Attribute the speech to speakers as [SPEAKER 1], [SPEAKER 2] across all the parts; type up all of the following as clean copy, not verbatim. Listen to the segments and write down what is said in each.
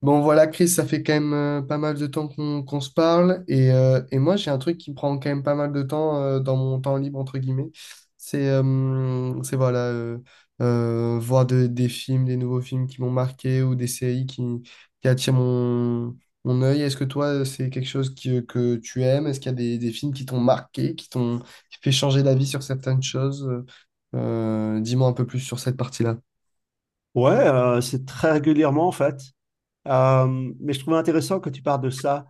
[SPEAKER 1] Bon voilà Chris, ça fait quand même pas mal de temps qu'on se parle et moi j'ai un truc qui me prend quand même pas mal de temps dans mon temps libre entre guillemets, c'est voir des films, des nouveaux films qui m'ont marqué ou des séries qui attirent mon œil. Est-ce que toi c'est quelque chose que tu aimes? Est-ce qu'il y a des films qui t'ont marqué, qui fait changer d'avis sur certaines choses? Dis-moi un peu plus sur cette partie-là.
[SPEAKER 2] Ouais, c'est très régulièrement en fait. Euh, mais je trouvais intéressant que tu parles de ça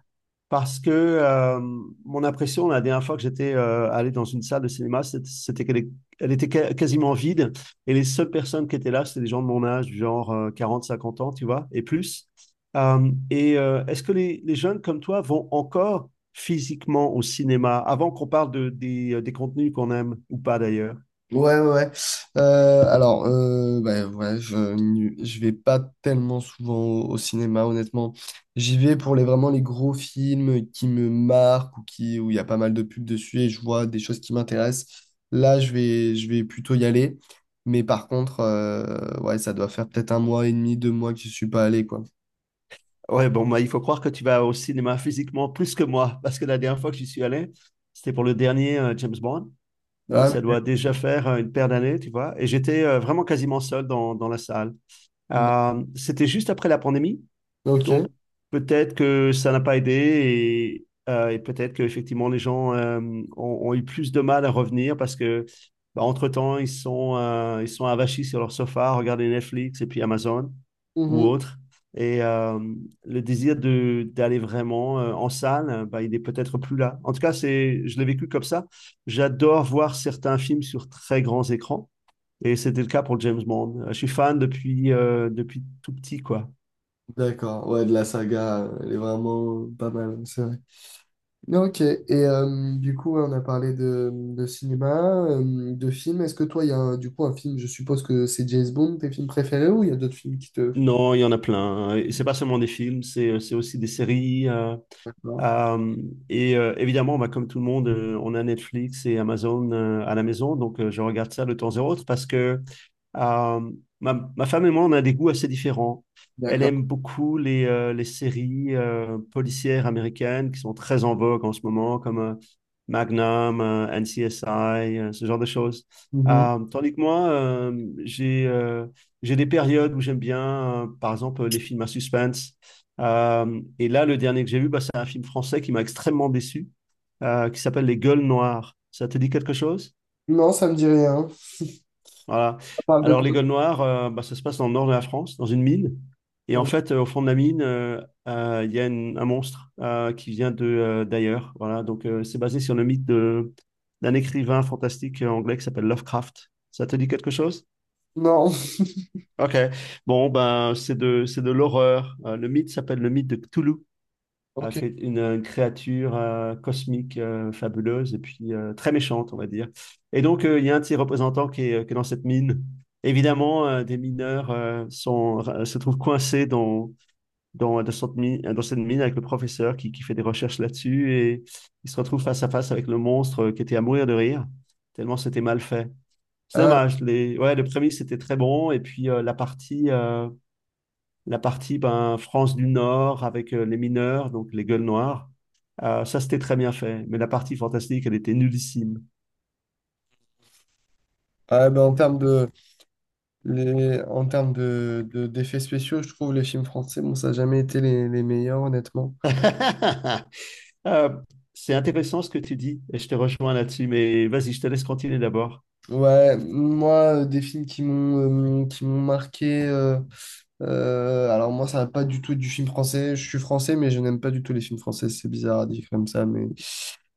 [SPEAKER 2] parce que mon impression la dernière fois que j'étais allé dans une salle de cinéma, c'était qu'elle était quasiment vide et les seules personnes qui étaient là, c'était des gens de mon âge, du genre 40, 50 ans, tu vois, et plus. Est-ce que les jeunes comme toi vont encore physiquement au cinéma avant qu'on parle des contenus qu'on aime ou pas d'ailleurs?
[SPEAKER 1] Ouais, ouais, ouais. Alors, bah, ouais, je vais pas tellement souvent au cinéma, honnêtement. J'y vais pour vraiment les gros films qui me marquent ou où il y a pas mal de pubs dessus et je vois des choses qui m'intéressent. Là, je vais plutôt y aller. Mais par contre, ouais, ça doit faire peut-être un mois et demi, deux mois que je suis pas allé, quoi.
[SPEAKER 2] Ouais, bon, bah, il faut croire que tu vas au cinéma physiquement plus que moi, parce que la dernière fois que j'y suis allé, c'était pour le dernier James Bond. Donc,
[SPEAKER 1] Ah,
[SPEAKER 2] ça doit déjà faire une paire d'années, tu vois. Et j'étais vraiment quasiment seul dans, dans la salle. C'était juste après la pandémie,
[SPEAKER 1] ok.
[SPEAKER 2] donc peut-être que ça n'a pas aidé et peut-être qu'effectivement les gens ont eu plus de mal à revenir parce que bah, entre-temps, ils sont avachis sur leur sofa, à regarder Netflix et puis Amazon ou
[SPEAKER 1] Mhm.
[SPEAKER 2] autre. Et le désir de d'aller vraiment en salle, bah, il est peut-être plus là. En tout cas, je l'ai vécu comme ça. J'adore voir certains films sur très grands écrans. Et c'était le cas pour James Bond. Je suis fan depuis tout petit, quoi.
[SPEAKER 1] D'accord. Ouais, de la saga, elle est vraiment pas mal, c'est vrai. Ok, et du coup, ouais, on a parlé de cinéma, de films. Est-ce que toi, il y a du coup un film, je suppose que c'est James Bond, tes films préférés, ou il y a d'autres films qui te...
[SPEAKER 2] Non, il y en a plein. Et c'est pas seulement des films, c'est aussi des séries.
[SPEAKER 1] D'accord.
[SPEAKER 2] Euh, évidemment, bah, comme tout le monde, on a Netflix et Amazon à la maison, donc je regarde ça de temps en temps parce que euh, ma femme et moi, on a des goûts assez différents. Elle
[SPEAKER 1] D'accord.
[SPEAKER 2] aime beaucoup les séries policières américaines qui sont très en vogue en ce moment, comme Magnum, NCSI, ce genre de choses.
[SPEAKER 1] Mhm.
[SPEAKER 2] Tandis que moi, j'ai des périodes où j'aime bien, par exemple, les films à suspense. Et là, le dernier que j'ai vu, bah, c'est un film français qui m'a extrêmement déçu, qui s'appelle Les Gueules Noires. Ça te dit quelque chose?
[SPEAKER 1] Non, ça me dit rien. Ça
[SPEAKER 2] Voilà.
[SPEAKER 1] parle de
[SPEAKER 2] Alors, Les
[SPEAKER 1] quoi?
[SPEAKER 2] Gueules Noires, bah, ça se passe dans le nord de la France, dans une mine. Et en
[SPEAKER 1] Euh,
[SPEAKER 2] fait, au fond de la mine, il y a un monstre qui vient de d'ailleurs. Voilà. Donc, c'est basé sur le mythe d'un écrivain fantastique anglais qui s'appelle Lovecraft. Ça te dit quelque chose?
[SPEAKER 1] Non.
[SPEAKER 2] Ok. Bon, ben, c'est de l'horreur. Le mythe s'appelle le mythe de Cthulhu. à
[SPEAKER 1] Ok.
[SPEAKER 2] quel- une, une créature cosmique fabuleuse et puis très méchante, on va dire. Et donc, il y a un de ses représentants qui est dans cette mine. Évidemment, des mineurs se trouvent coincés dans cette mine, avec le professeur qui fait des recherches là-dessus et ils se retrouvent face à face avec le monstre qui était à mourir de rire, tellement c'était mal fait. C'est
[SPEAKER 1] Ah,
[SPEAKER 2] dommage. Ouais, le premier, c'était très bon et puis la partie ben, France du Nord avec les mineurs, donc les gueules noires. Ça, c'était très bien fait, mais la partie fantastique, elle était nullissime.
[SPEAKER 1] ah, ben, en termes en termes d'effets spéciaux, je trouve les films français, bon, ça n'a jamais été les meilleurs, honnêtement.
[SPEAKER 2] Euh, c'est intéressant ce que tu dis, et je te rejoins là-dessus, mais vas-y, je te laisse continuer d'abord.
[SPEAKER 1] Ouais, moi, des films qui m'ont marqué. Alors moi, ça va pas du tout être du film français. Je suis français, mais je n'aime pas du tout les films français. C'est bizarre à dire comme ça, mais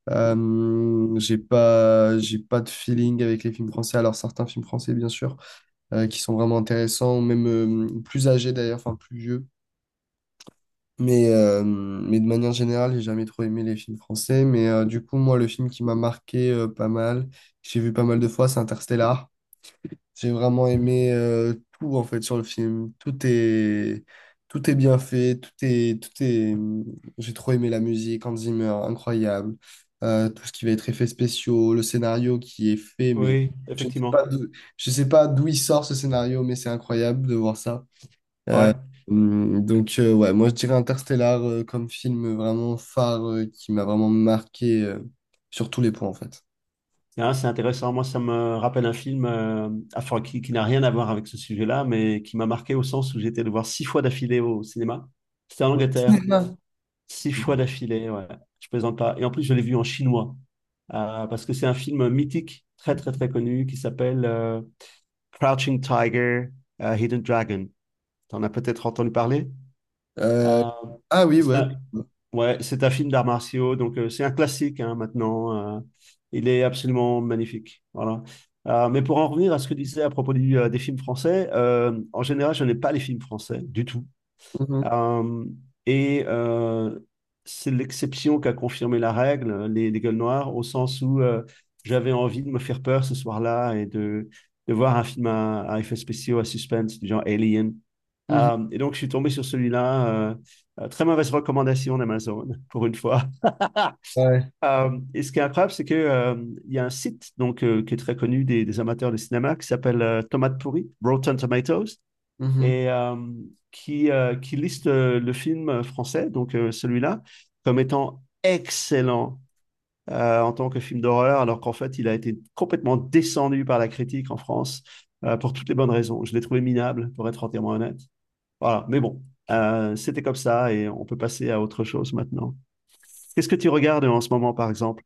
[SPEAKER 1] j'ai pas de feeling avec les films français. Alors certains films français, bien sûr, qui sont vraiment intéressants, ou même plus âgés d'ailleurs, enfin plus vieux. Mais de manière générale, j'ai jamais trop aimé les films français. Mais du coup, moi, le film qui m'a marqué pas mal, que j'ai vu pas mal de fois, c'est Interstellar. J'ai vraiment aimé tout en fait sur le film. Tout est bien fait, j'ai trop aimé la musique, Hans Zimmer, incroyable. Tout ce qui va être effets spéciaux, le scénario qui est fait mais
[SPEAKER 2] Oui,
[SPEAKER 1] je ne sais pas
[SPEAKER 2] effectivement.
[SPEAKER 1] d'où je sais pas d'où il sort ce scénario mais c'est incroyable de voir ça.
[SPEAKER 2] Ouais,
[SPEAKER 1] Donc ouais, moi je dirais Interstellar comme film vraiment phare qui m'a vraiment marqué sur tous les points en fait.
[SPEAKER 2] hein, c'est intéressant. Moi, ça me rappelle un film enfin, qui n'a rien à voir avec ce sujet-là, mais qui m'a marqué au sens où j'étais le voir 6 fois d'affilée au cinéma. C'était en
[SPEAKER 1] Au
[SPEAKER 2] Angleterre.
[SPEAKER 1] cinéma.
[SPEAKER 2] 6 fois d'affilée, ouais. Je plaisante pas. Et en plus, je l'ai vu en chinois. Parce que c'est un film mythique, très très très connu, qui s'appelle Crouching Tiger, Hidden Dragon. T'en as peut-être entendu parler.
[SPEAKER 1] Euh,
[SPEAKER 2] Euh,
[SPEAKER 1] ah oui,
[SPEAKER 2] c'est
[SPEAKER 1] ouais.
[SPEAKER 2] un, ouais, c'est un film d'arts martiaux, donc c'est un classique hein, maintenant. Il est absolument magnifique. Voilà. Mais pour en revenir à ce que tu disais à propos des films français, en général, je n'ai pas les films français du tout.
[SPEAKER 1] Mhm.
[SPEAKER 2] Euh, et euh, c'est l'exception qui a confirmé la règle, les gueules noires, au sens où j'avais envie de me faire peur ce soir-là et de voir un film à effets spéciaux, à suspense, du genre Alien.
[SPEAKER 1] Mhm.
[SPEAKER 2] Et donc, je suis tombé sur celui-là. Très mauvaise recommandation d'Amazon, pour une fois.
[SPEAKER 1] Ouais.
[SPEAKER 2] Et ce qui est incroyable, c'est que, il y a un site donc, qui est très connu des amateurs de cinéma qui s'appelle Tomate Pourrie, Rotten Tomatoes
[SPEAKER 1] Mhm.
[SPEAKER 2] et euh, qui liste le film français, donc celui-là, comme étant excellent en tant que film d'horreur, alors qu'en fait, il a été complètement descendu par la critique en France pour toutes les bonnes raisons. Je l'ai trouvé minable, pour être entièrement honnête. Voilà, mais bon, c'était comme ça et on peut passer à autre chose maintenant. Qu'est-ce que tu regardes en ce moment, par exemple?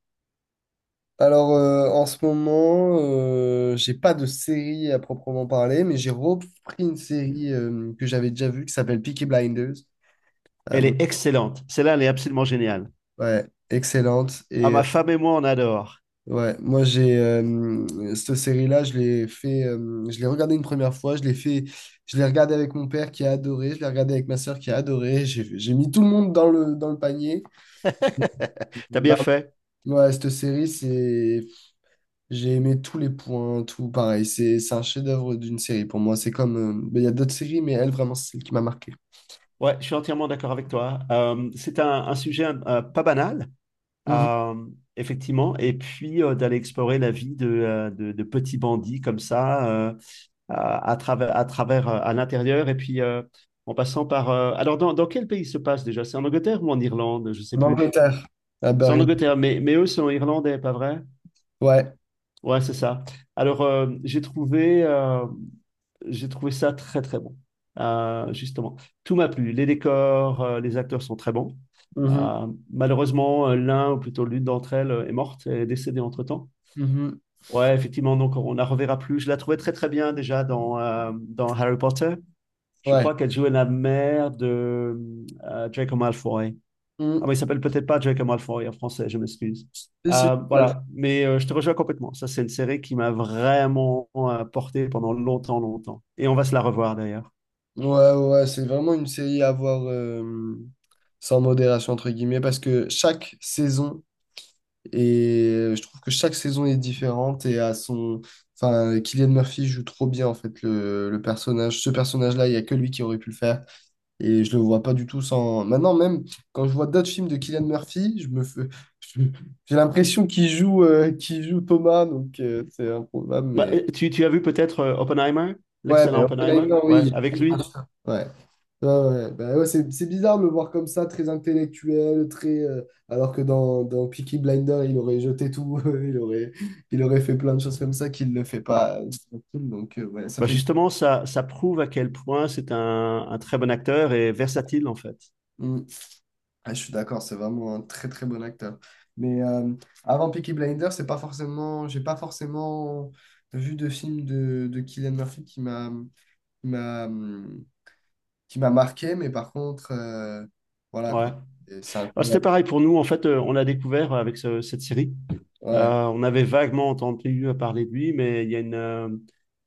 [SPEAKER 1] Alors, en ce moment, j'ai pas de série à proprement parler, mais j'ai repris une série que j'avais déjà vue qui s'appelle Peaky Blinders.
[SPEAKER 2] Elle
[SPEAKER 1] Euh,
[SPEAKER 2] est excellente. Celle-là, elle est absolument géniale.
[SPEAKER 1] ouais, excellente.
[SPEAKER 2] Ah,
[SPEAKER 1] Et
[SPEAKER 2] ma femme et moi, on adore.
[SPEAKER 1] ouais, moi, j'ai cette série-là, je l'ai regardée une première fois, je l'ai regardée avec mon père qui a adoré, je l'ai regardée avec ma sœur qui a adoré. J'ai mis tout le monde dans dans le panier.
[SPEAKER 2] T'as
[SPEAKER 1] Bah,
[SPEAKER 2] bien fait.
[SPEAKER 1] ouais, j'ai aimé tous les points, tout pareil. C'est un chef-d'œuvre d'une série pour moi. C'est comme. Ben, il y a d'autres séries, mais elle, vraiment, c'est celle qui m'a marqué.
[SPEAKER 2] Ouais, je suis entièrement d'accord avec toi. C'est un sujet pas banal,
[SPEAKER 1] Mhm.
[SPEAKER 2] euh, effectivement. Et puis d'aller explorer la vie de petits bandits comme ça, à travers, à l'intérieur, et puis en passant par. Alors, dans quel pays se passe déjà? C'est en Angleterre ou en Irlande? Je sais
[SPEAKER 1] En
[SPEAKER 2] plus.
[SPEAKER 1] Angleterre, à
[SPEAKER 2] C'est en
[SPEAKER 1] Berlin.
[SPEAKER 2] Angleterre, mais eux sont irlandais, pas vrai?
[SPEAKER 1] Ouais.
[SPEAKER 2] Ouais, c'est ça. Alors, j'ai trouvé ça très très bon. Justement, tout m'a plu. Les décors, les acteurs sont très bons.
[SPEAKER 1] Mhm.
[SPEAKER 2] Euh, malheureusement, l'un ou plutôt l'une d'entre elles est morte, est décédée entre-temps.
[SPEAKER 1] Mhm.
[SPEAKER 2] Ouais, effectivement, donc on la reverra plus. Je la trouvais très très bien déjà dans Harry Potter. Je
[SPEAKER 1] Ouais.
[SPEAKER 2] crois qu'elle jouait la mère de Draco Malfoy.
[SPEAKER 1] Mhm.
[SPEAKER 2] Ah, mais il s'appelle peut-être pas Draco Malfoy en français, je m'excuse.
[SPEAKER 1] Si, si.
[SPEAKER 2] Voilà, mais je te rejoins complètement. Ça, c'est une série qui m'a vraiment porté pendant longtemps, longtemps. Et on va se la revoir d'ailleurs.
[SPEAKER 1] Ouais, ouais, c'est vraiment une série à voir sans modération, entre guillemets, parce que chaque saison, et je trouve que chaque saison est différente et à son. Enfin, Cillian Murphy joue trop bien, en fait, le personnage. Ce personnage-là, il n'y a que lui qui aurait pu le faire. Et je le vois pas du tout sans. Maintenant, même quand je vois d'autres films de Cillian Murphy, je me fais... je- j'ai l'impression qu'il joue Thomas, donc c'est improbable.
[SPEAKER 2] Bah,
[SPEAKER 1] Mais
[SPEAKER 2] tu as vu peut-être Oppenheimer,
[SPEAKER 1] ouais, mais
[SPEAKER 2] l'excellent Oppenheimer,
[SPEAKER 1] Oppenheimer, oui.
[SPEAKER 2] ouais, avec
[SPEAKER 1] Ouais,
[SPEAKER 2] lui.
[SPEAKER 1] ouais, ouais, ouais. Bah ouais, c'est bizarre de le voir comme ça, très intellectuel, très. Alors que dans Peaky Blinder, il aurait jeté tout, il aurait fait plein de choses comme ça qu'il ne le fait pas dans ce film. Donc ouais, ça
[SPEAKER 2] Bah,
[SPEAKER 1] fait.
[SPEAKER 2] justement, ça prouve à quel point c'est un très bon acteur et versatile en fait.
[SPEAKER 1] Mm. Ah, je suis d'accord, c'est vraiment un très très bon acteur. Mais avant Peaky Blinders, c'est pas forcément, j'ai pas forcément vu de film de Cillian Murphy qui m'a hum, qui m'a marqué, mais par contre, voilà quoi.
[SPEAKER 2] Ouais.
[SPEAKER 1] Et c'est
[SPEAKER 2] Ah, c'était
[SPEAKER 1] incroyable.
[SPEAKER 2] pareil pour nous, en fait, on l'a découvert avec cette série.
[SPEAKER 1] Ouais.
[SPEAKER 2] On avait vaguement entendu parler de lui, mais il y a une, euh,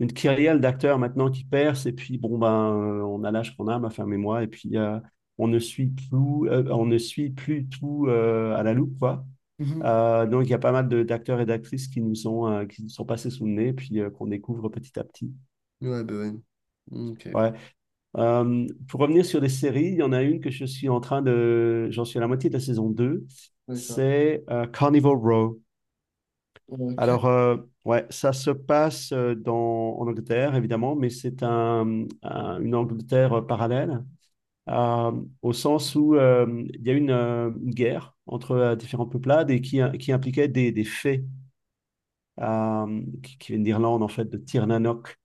[SPEAKER 2] une kyrielle d'acteurs maintenant qui percent. Et puis, bon, ben, on a l'âge qu'on a, ma femme et moi. Et puis, on ne suit plus, on ne suit plus tout à la loupe, quoi.
[SPEAKER 1] Mhm.
[SPEAKER 2] Donc, il y a pas mal d'acteurs et d'actrices qui nous ont, qui nous sont passés sous le nez, puis qu'on découvre petit à petit.
[SPEAKER 1] Ouais, bah ouais. Ok.
[SPEAKER 2] Ouais. Pour revenir sur les séries, il y en a une que je suis en train de... J'en suis à la moitié de la saison deux.
[SPEAKER 1] D'accord.
[SPEAKER 2] C'est Carnival Row.
[SPEAKER 1] Ok.
[SPEAKER 2] Alors, ouais, ça se passe en Angleterre, évidemment, mais c'est une Angleterre parallèle, euh, au sens où il y a eu une guerre entre différentes peuplades et qui impliquait des fées qui viennent d'Irlande, en fait, de Tirnanock.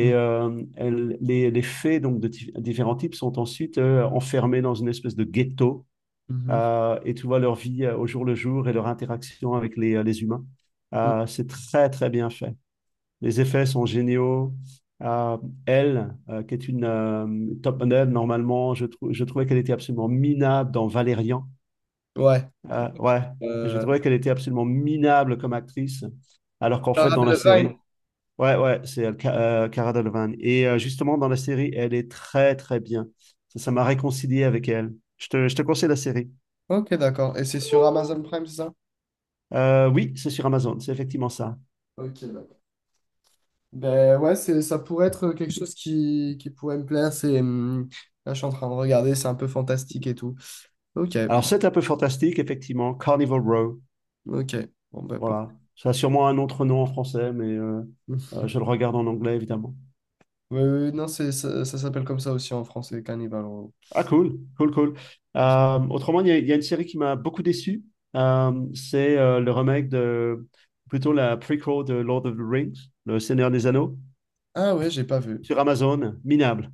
[SPEAKER 1] Mhm.
[SPEAKER 2] euh, elles- les, les fées donc, de différents types sont ensuite enfermées dans une espèce de ghetto
[SPEAKER 1] Mhm.
[SPEAKER 2] et tu vois leur vie au jour le jour et leur interaction avec les humains.
[SPEAKER 1] Mhm.
[SPEAKER 2] C'est très, très bien fait. Les effets sont géniaux. Euh, Elle, qui est une top model, normalement, je trouvais qu'elle était absolument minable dans Valérian.
[SPEAKER 1] Ouais.
[SPEAKER 2] Ouais, je
[SPEAKER 1] Euh,
[SPEAKER 2] trouvais qu'elle était absolument minable comme actrice, alors qu'en fait,
[SPEAKER 1] Sarah
[SPEAKER 2] dans la
[SPEAKER 1] Delevingne.
[SPEAKER 2] série, ouais, ouais, c'est elle, Cara Delevingne. Justement, dans la série, elle est très, très bien. Ça m'a réconcilié avec elle. Je te conseille la série.
[SPEAKER 1] Ok, d'accord. Et c'est sur Amazon Prime, c'est ça?
[SPEAKER 2] Oui, c'est sur Amazon, c'est effectivement ça.
[SPEAKER 1] Ok, d'accord. Ben ouais, ça pourrait être quelque chose qui pourrait me plaire. Là, je suis en train de regarder, c'est un peu fantastique et tout. Ok,
[SPEAKER 2] Alors, c'est un peu fantastique, effectivement. Carnival Row.
[SPEAKER 1] ok. Bon, ben pourquoi?
[SPEAKER 2] Voilà. Ça a sûrement un autre nom en français, mais
[SPEAKER 1] Oui,
[SPEAKER 2] je le regarde en anglais, évidemment.
[SPEAKER 1] oui, non, ça s'appelle comme ça aussi en français, Carnival Row.
[SPEAKER 2] Ah, cool, cool, cool. Autrement, il y a une série qui m'a beaucoup déçu. C'est le remake plutôt la prequel de Lord of the Rings, Le Seigneur des Anneaux,
[SPEAKER 1] Ah ouais, j'ai pas vu.
[SPEAKER 2] sur Amazon, minable.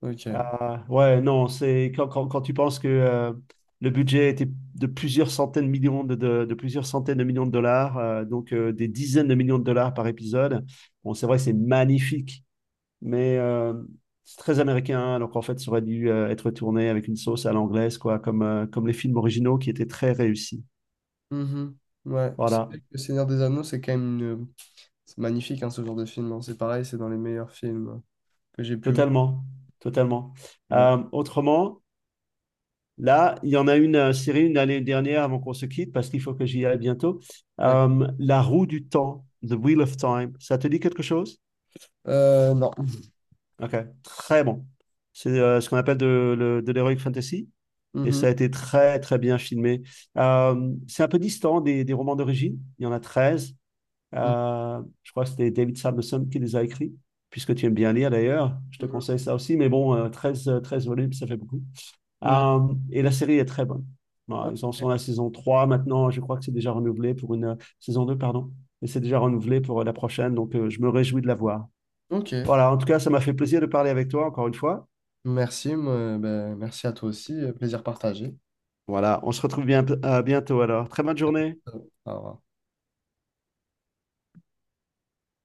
[SPEAKER 1] Ok.
[SPEAKER 2] Euh, ouais, non, c'est quand tu penses que le budget était de plusieurs centaines de millions de plusieurs centaines de millions de dollars, donc des dizaines de millions de dollars par épisode. Bon, c'est vrai, c'est magnifique mais c'est très américain. Donc en fait, ça aurait dû être tourné avec une sauce à l'anglaise, quoi, comme les films originaux qui étaient très réussis.
[SPEAKER 1] Mhm. Ouais, c'est vrai
[SPEAKER 2] Voilà,
[SPEAKER 1] que Le Seigneur des Anneaux, c'est quand même une... C'est magnifique, hein, ce genre de film. Hein. C'est pareil, c'est dans les meilleurs films que j'ai pu voir.
[SPEAKER 2] totalement, totalement.
[SPEAKER 1] Ouais.
[SPEAKER 2] Autrement, là, il y en a une série une année dernière avant qu'on se quitte parce qu'il faut que j'y aille bientôt.
[SPEAKER 1] D'accord.
[SPEAKER 2] La roue du temps, The Wheel of Time. Ça te dit quelque chose?
[SPEAKER 1] Non.
[SPEAKER 2] Ok, très bon. C'est ce qu'on appelle de l'heroic fantasy. Et
[SPEAKER 1] Mhm.
[SPEAKER 2] ça a été très, très bien filmé. C'est un peu distant des romans d'origine. Il y en a 13.
[SPEAKER 1] Mhm.
[SPEAKER 2] Je crois que c'était David Samuelson qui les a écrits. Puisque tu aimes bien lire d'ailleurs, je te conseille ça aussi. Mais bon, 13 13 volumes, ça fait beaucoup.
[SPEAKER 1] Mhm.
[SPEAKER 2] Et la série est très bonne.
[SPEAKER 1] Mhm.
[SPEAKER 2] Voilà, ils en sont à la saison 3 maintenant. Je crois que c'est déjà renouvelé pour une saison 2, pardon. Et c'est déjà renouvelé pour la prochaine. Donc, je me réjouis de la voir.
[SPEAKER 1] Ok.
[SPEAKER 2] Voilà, en tout cas, ça m'a fait plaisir de parler avec toi encore une fois.
[SPEAKER 1] Merci, moi, ben, merci à toi aussi. Plaisir partagé.
[SPEAKER 2] Voilà, on se retrouve bien, bientôt alors. Très bonne journée.
[SPEAKER 1] Euh, Au revoir.